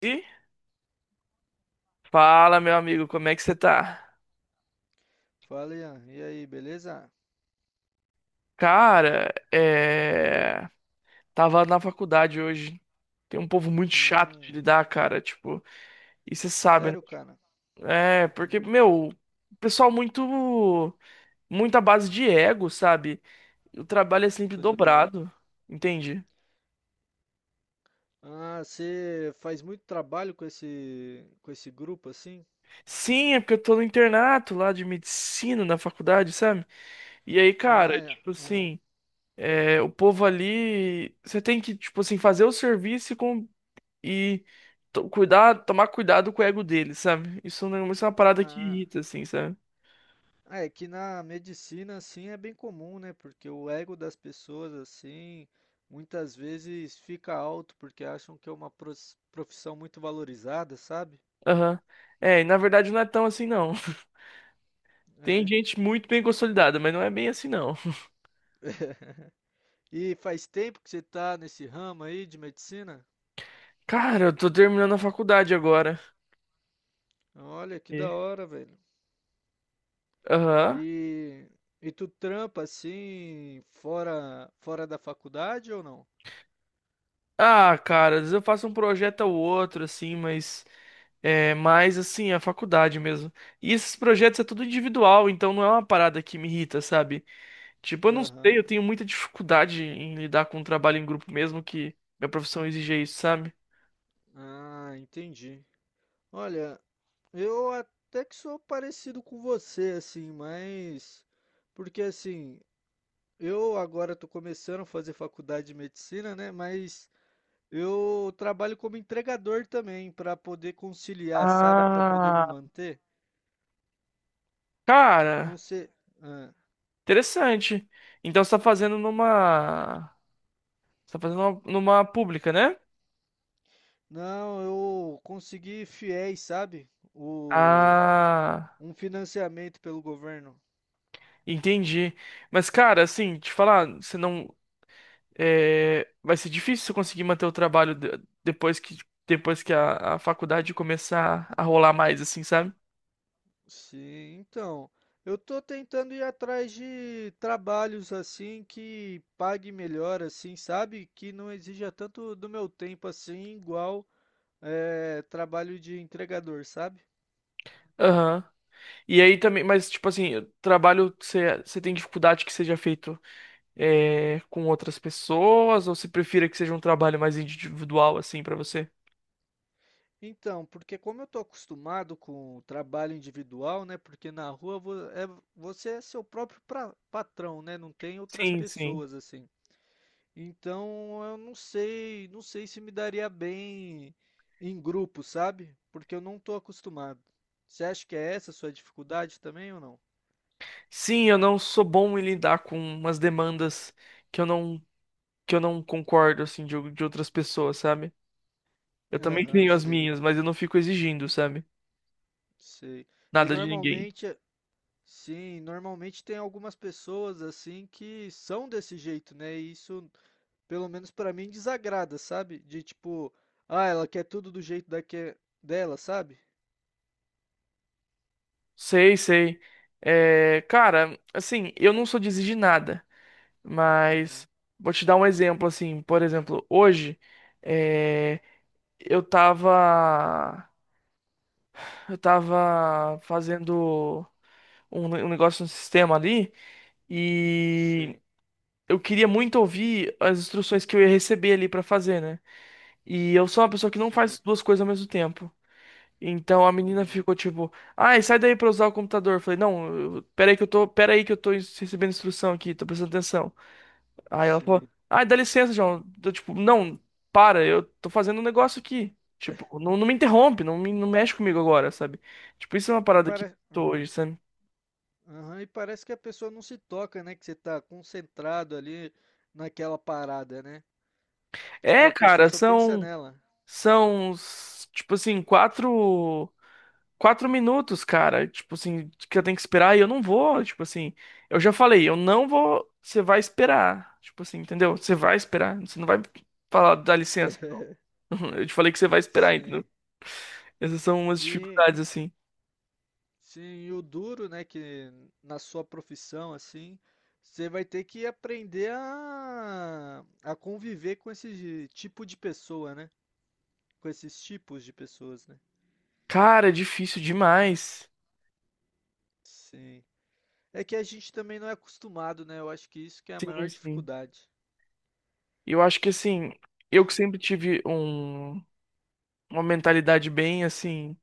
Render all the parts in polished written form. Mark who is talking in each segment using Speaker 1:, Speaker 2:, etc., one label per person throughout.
Speaker 1: E fala, meu amigo, como é que você tá?
Speaker 2: Fala, Ian. E aí, beleza?
Speaker 1: Cara, tava na faculdade hoje. Tem um povo muito chato de
Speaker 2: Hum,
Speaker 1: lidar, cara, tipo, e você sabe, né?
Speaker 2: sério, cara?
Speaker 1: É, porque,
Speaker 2: Hum,
Speaker 1: meu, o pessoal muito à base de ego, sabe? O trabalho é sempre
Speaker 2: tô ligado.
Speaker 1: dobrado, entende?
Speaker 2: Ah, você faz muito trabalho com esse grupo assim?
Speaker 1: Sim, é porque eu tô no internato lá de medicina na faculdade, sabe? E aí, cara,
Speaker 2: Ah, é.
Speaker 1: tipo
Speaker 2: Ah,
Speaker 1: assim, é, o povo ali, você tem que, tipo assim, fazer o serviço e cuidar, tomar cuidado com o ego dele, sabe? Isso, não, isso é uma parada que
Speaker 2: ah.
Speaker 1: irrita, assim, sabe?
Speaker 2: Ah, é que na medicina assim é bem comum, né? Porque o ego das pessoas assim muitas vezes fica alto porque acham que é uma profissão muito valorizada, sabe?
Speaker 1: Aham. É, e na verdade não é tão assim, não. Tem
Speaker 2: É.
Speaker 1: gente muito bem consolidada, mas não é bem assim, não.
Speaker 2: E faz tempo que você tá nesse ramo aí de medicina?
Speaker 1: Cara, eu tô terminando a faculdade agora.
Speaker 2: Olha que da
Speaker 1: E-
Speaker 2: hora, velho.
Speaker 1: Aham.
Speaker 2: E, e tu trampa assim fora da faculdade ou não?
Speaker 1: Ah, cara, às vezes eu faço um projeto ou outro, assim, mas. É mais assim, a faculdade mesmo. E esses projetos é tudo individual, então não é uma parada que me irrita, sabe? Tipo, eu não sei,
Speaker 2: Aham.
Speaker 1: eu tenho muita dificuldade em lidar com o trabalho em grupo mesmo que minha profissão exige isso, sabe?
Speaker 2: Ah, entendi. Olha, eu até que sou parecido com você assim, mas porque assim, eu agora tô começando a fazer faculdade de medicina, né? Mas eu trabalho como entregador também para poder conciliar, sabe? Para poder me
Speaker 1: Ah,
Speaker 2: manter. Não
Speaker 1: cara,
Speaker 2: sei. Ah,
Speaker 1: interessante. Então você tá fazendo numa. Você tá fazendo numa pública, né?
Speaker 2: não, eu consegui fiéis, sabe? O
Speaker 1: Ah,
Speaker 2: Um financiamento pelo governo.
Speaker 1: entendi. Mas, cara, assim, te falar, você não. É, vai ser difícil você conseguir manter o trabalho depois que a faculdade começar a rolar mais, assim, sabe?
Speaker 2: Sim, então. Eu tô tentando ir atrás de trabalhos assim que pague melhor, assim, sabe? Que não exija tanto do meu tempo assim, igual é, trabalho de entregador, sabe?
Speaker 1: Aham. E aí também, mas tipo assim, trabalho você tem dificuldade que seja feito é, com outras pessoas ou você prefira que seja um trabalho mais individual assim pra você?
Speaker 2: Então, porque como eu tô acostumado com o trabalho individual, né? Porque na rua você é seu próprio patrão, né? Não tem outras
Speaker 1: Sim, sim.
Speaker 2: pessoas assim. Então eu não sei, não sei se me daria bem em grupo, sabe? Porque eu não tô acostumado. Você acha que é essa a sua dificuldade também ou não?
Speaker 1: Sim, eu não sou bom em lidar com umas demandas que eu não que eu não concordo assim de outras pessoas, sabe? Eu também
Speaker 2: Aham,
Speaker 1: tenho as
Speaker 2: sei,
Speaker 1: minhas, mas eu não fico exigindo, sabe?
Speaker 2: sei. E
Speaker 1: Nada de ninguém.
Speaker 2: normalmente, sim, normalmente tem algumas pessoas assim que são desse jeito, né? E isso, pelo menos pra mim, desagrada, sabe? De tipo, ah, ela quer tudo do jeito daque dela, sabe?
Speaker 1: Sei, sei. É, cara, assim, eu não sou de exigir nada. Mas
Speaker 2: Uhum,
Speaker 1: vou te dar um exemplo assim, por exemplo, hoje eh, eu tava eu
Speaker 2: uhum,
Speaker 1: tava fazendo um, um negócio no sistema ali e
Speaker 2: sei,
Speaker 1: eu queria muito ouvir as instruções que eu ia receber ali pra fazer, né? E eu sou uma pessoa que não
Speaker 2: sim,
Speaker 1: faz duas coisas ao mesmo tempo. Então a menina
Speaker 2: uhum,
Speaker 1: ficou tipo, ai, sai daí pra usar o computador. Eu falei, não, pera aí que eu tô, pera aí que eu tô recebendo instrução aqui, tô prestando atenção. Aí ela falou,
Speaker 2: sim.
Speaker 1: ai, dá licença, João. Eu, tipo, não, para, eu tô fazendo um negócio aqui. Tipo, não, não me interrompe, não, me, não mexe comigo agora, sabe? Tipo, isso é uma
Speaker 2: E
Speaker 1: parada que
Speaker 2: para.
Speaker 1: eu tô
Speaker 2: Ah.
Speaker 1: hoje, sabe?
Speaker 2: Aham, e parece que a pessoa não se toca, né? Que você tá concentrado ali naquela parada, né? Tipo,
Speaker 1: É,
Speaker 2: a pessoa
Speaker 1: cara,
Speaker 2: só pensa
Speaker 1: são,
Speaker 2: nela.
Speaker 1: são, s- tipo assim, quatro minutos, cara. Tipo assim, que eu tenho que esperar e eu não vou, tipo assim. Eu já falei, eu não vou, você vai esperar. Tipo assim, entendeu? Você vai esperar, você não vai falar, dá licença. Não." Eu te falei que você vai esperar, entendeu?
Speaker 2: Sim.
Speaker 1: Essas são umas
Speaker 2: E
Speaker 1: dificuldades, assim.
Speaker 2: sim, e o duro, né? Que na sua profissão, assim, você vai ter que aprender a conviver com esse tipo de pessoa, né? Com esses tipos de pessoas, né?
Speaker 1: Cara, é difícil demais.
Speaker 2: Sim. É que a gente também não é acostumado, né? Eu acho que isso que é a
Speaker 1: Sim,
Speaker 2: maior
Speaker 1: sim.
Speaker 2: dificuldade.
Speaker 1: Eu acho que assim, eu que sempre tive um, uma mentalidade bem assim.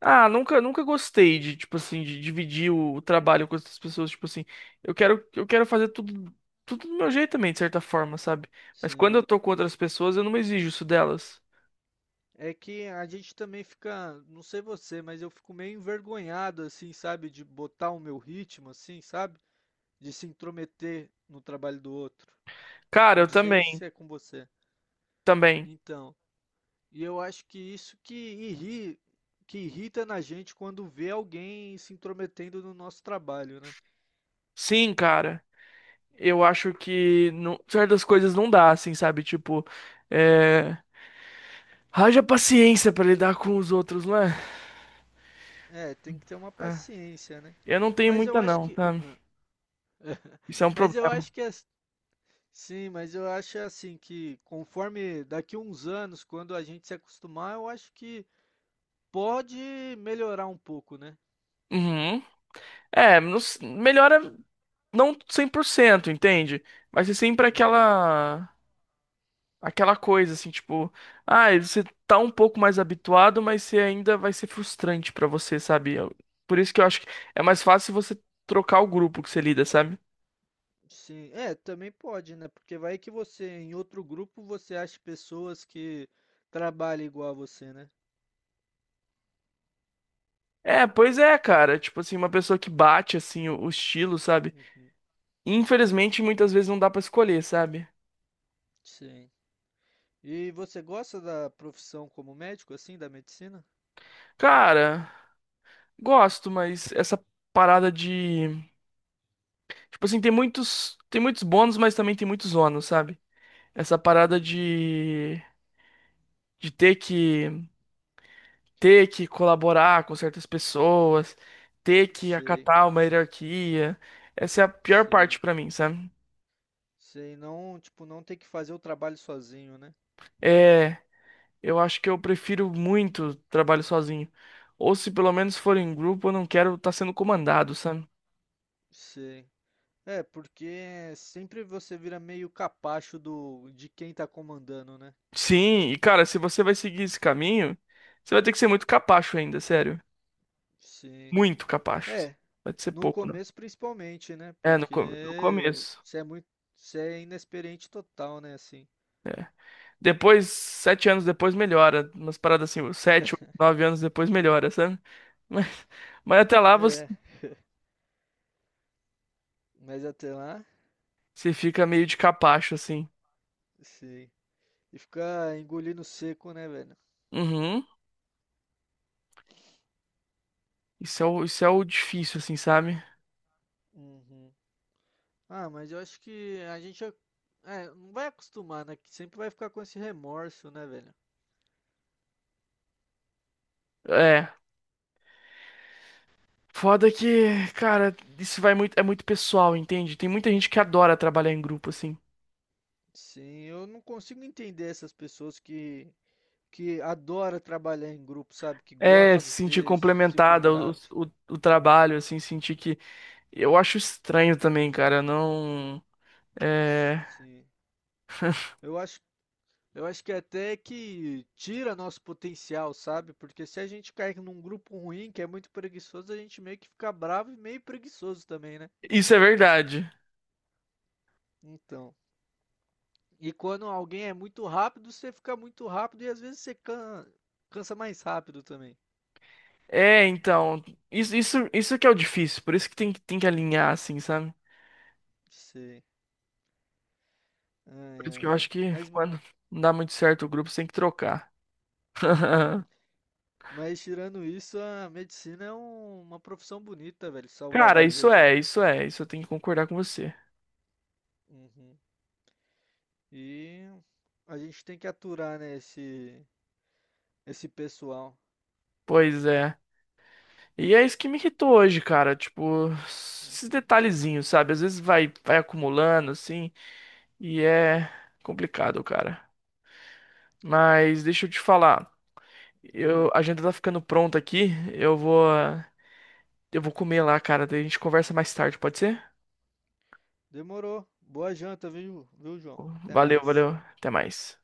Speaker 1: Ah, nunca, nunca gostei de, tipo assim, de dividir o trabalho com outras pessoas, tipo assim, eu quero fazer tudo, tudo do meu jeito também, de certa forma, sabe? Mas quando eu
Speaker 2: Sim.
Speaker 1: tô com outras pessoas, eu não exijo isso delas.
Speaker 2: É que a gente também fica, não sei você, mas eu fico meio envergonhado, assim, sabe, de botar o meu ritmo, assim, sabe? De se intrometer no trabalho do outro.
Speaker 1: Cara,
Speaker 2: Não
Speaker 1: eu
Speaker 2: sei
Speaker 1: também,
Speaker 2: se é com você.
Speaker 1: também.
Speaker 2: Então, e eu acho que que irrita na gente quando vê alguém se intrometendo no nosso trabalho, né?
Speaker 1: Sim, cara. Eu acho que certas coisas não dá, assim, sabe? Tipo, é. Haja paciência pra lidar com os outros, não é?
Speaker 2: É, tem que ter uma
Speaker 1: É.
Speaker 2: paciência, né?
Speaker 1: Eu não tenho
Speaker 2: Mas
Speaker 1: muita,
Speaker 2: eu acho
Speaker 1: não,
Speaker 2: que,
Speaker 1: tá?
Speaker 2: ah,
Speaker 1: Isso é um
Speaker 2: mas eu
Speaker 1: problema.
Speaker 2: acho que é Sim, mas eu acho assim que conforme daqui uns anos, quando a gente se acostumar, eu acho que pode melhorar um pouco, né?
Speaker 1: Uhum. É, melhora não 100%, entende? Mas é sempre
Speaker 2: Uhum.
Speaker 1: aquela coisa assim, tipo, ah, você tá um pouco mais habituado, mas você ainda vai ser frustrante pra você, sabe? Por isso que eu acho que é mais fácil você trocar o grupo que você lida, sabe?
Speaker 2: Sim, é, também pode, né? Porque vai que você, em outro grupo, você acha pessoas que trabalham igual a você, né?
Speaker 1: É, pois é, cara. Tipo assim, uma pessoa que bate assim o estilo, sabe?
Speaker 2: Uhum.
Speaker 1: Infelizmente, muitas vezes não dá pra escolher, sabe?
Speaker 2: Sim. E você gosta da profissão como médico, assim, da medicina?
Speaker 1: Cara, gosto, mas essa parada de. Tipo assim, tem muitos. Tem muitos bônus, mas também tem muitos ônus, sabe? Essa parada
Speaker 2: Uhum.
Speaker 1: de. De ter que. Ter que colaborar com certas pessoas, ter que
Speaker 2: Sei,
Speaker 1: acatar uma hierarquia. Essa é a pior parte
Speaker 2: sei,
Speaker 1: pra mim, sabe?
Speaker 2: sei. Não, tipo, não ter que fazer o trabalho sozinho, né?
Speaker 1: É. Eu acho que eu prefiro muito trabalho sozinho. Ou se pelo menos for em grupo, eu não quero estar sendo comandado, sabe?
Speaker 2: Sei. É, porque sempre você vira meio capacho do de quem tá comandando, né?
Speaker 1: Sim, e cara, se você vai seguir esse caminho, você vai ter que ser muito capacho ainda, sério.
Speaker 2: Sim.
Speaker 1: Muito capacho.
Speaker 2: É,
Speaker 1: Vai ser
Speaker 2: no
Speaker 1: pouco, não.
Speaker 2: começo principalmente, né?
Speaker 1: É, no
Speaker 2: Porque
Speaker 1: começo.
Speaker 2: você é muito, você é inexperiente total, né, assim.
Speaker 1: É. Depois, sete anos depois melhora. Umas paradas assim, sete, oito, nove anos depois melhora, sabe? Mas, mas até lá você,
Speaker 2: É, mas até lá,
Speaker 1: você fica meio de capacho, assim.
Speaker 2: sim. E ficar engolindo seco, né, velho?
Speaker 1: Uhum. Isso é o difícil, assim, sabe?
Speaker 2: Uhum. Ah, mas eu acho que é, não vai acostumar, né? Que sempre vai ficar com esse remorso, né, velho?
Speaker 1: É. Foda que, cara, isso vai muito, é muito pessoal, entende? Tem muita gente que adora trabalhar em grupo, assim.
Speaker 2: Sim, eu não consigo entender essas pessoas que adora trabalhar em grupo, sabe? Que
Speaker 1: É,
Speaker 2: gosta
Speaker 1: se
Speaker 2: de
Speaker 1: sentir
Speaker 2: ter esse
Speaker 1: complementada o,
Speaker 2: contato.
Speaker 1: o, o trabalho, assim, sentir que. Eu acho estranho também, cara, não. É.
Speaker 2: Sim. Eu acho, eu acho que até que tira nosso potencial, sabe? Porque se a gente cai num grupo ruim, que é muito preguiçoso, a gente meio que fica bravo e meio preguiçoso também, né?
Speaker 1: Isso é verdade.
Speaker 2: Então. E quando alguém é muito rápido, você fica muito rápido e às vezes você cansa mais rápido também.
Speaker 1: É, então. Isso que é o difícil, por isso que tem que alinhar, assim, sabe?
Speaker 2: Sei. Ai,
Speaker 1: Por isso que eu
Speaker 2: ai.
Speaker 1: acho que
Speaker 2: Mas.
Speaker 1: quando não dá muito certo o grupo, você tem que trocar.
Speaker 2: Uhum. Mas tirando isso, a medicina é uma profissão bonita, velho. Salvar
Speaker 1: Cara,
Speaker 2: vidas, né?
Speaker 1: isso eu tenho que concordar com você.
Speaker 2: Uhum. E a gente tem que aturar, né, esse pessoal.
Speaker 1: Pois é. E é isso que me irritou hoje, cara, tipo, esses
Speaker 2: Uhum.
Speaker 1: detalhezinhos, sabe? Às vezes vai, vai acumulando, assim. E é complicado, cara. Mas deixa eu te falar.
Speaker 2: Ah,
Speaker 1: Eu, a agenda tá ficando pronta aqui. Eu vou comer lá, cara. Daí a gente conversa mais tarde, pode ser?
Speaker 2: demorou. Boa janta, viu, João? Até
Speaker 1: Valeu, valeu.
Speaker 2: mais.
Speaker 1: Até mais.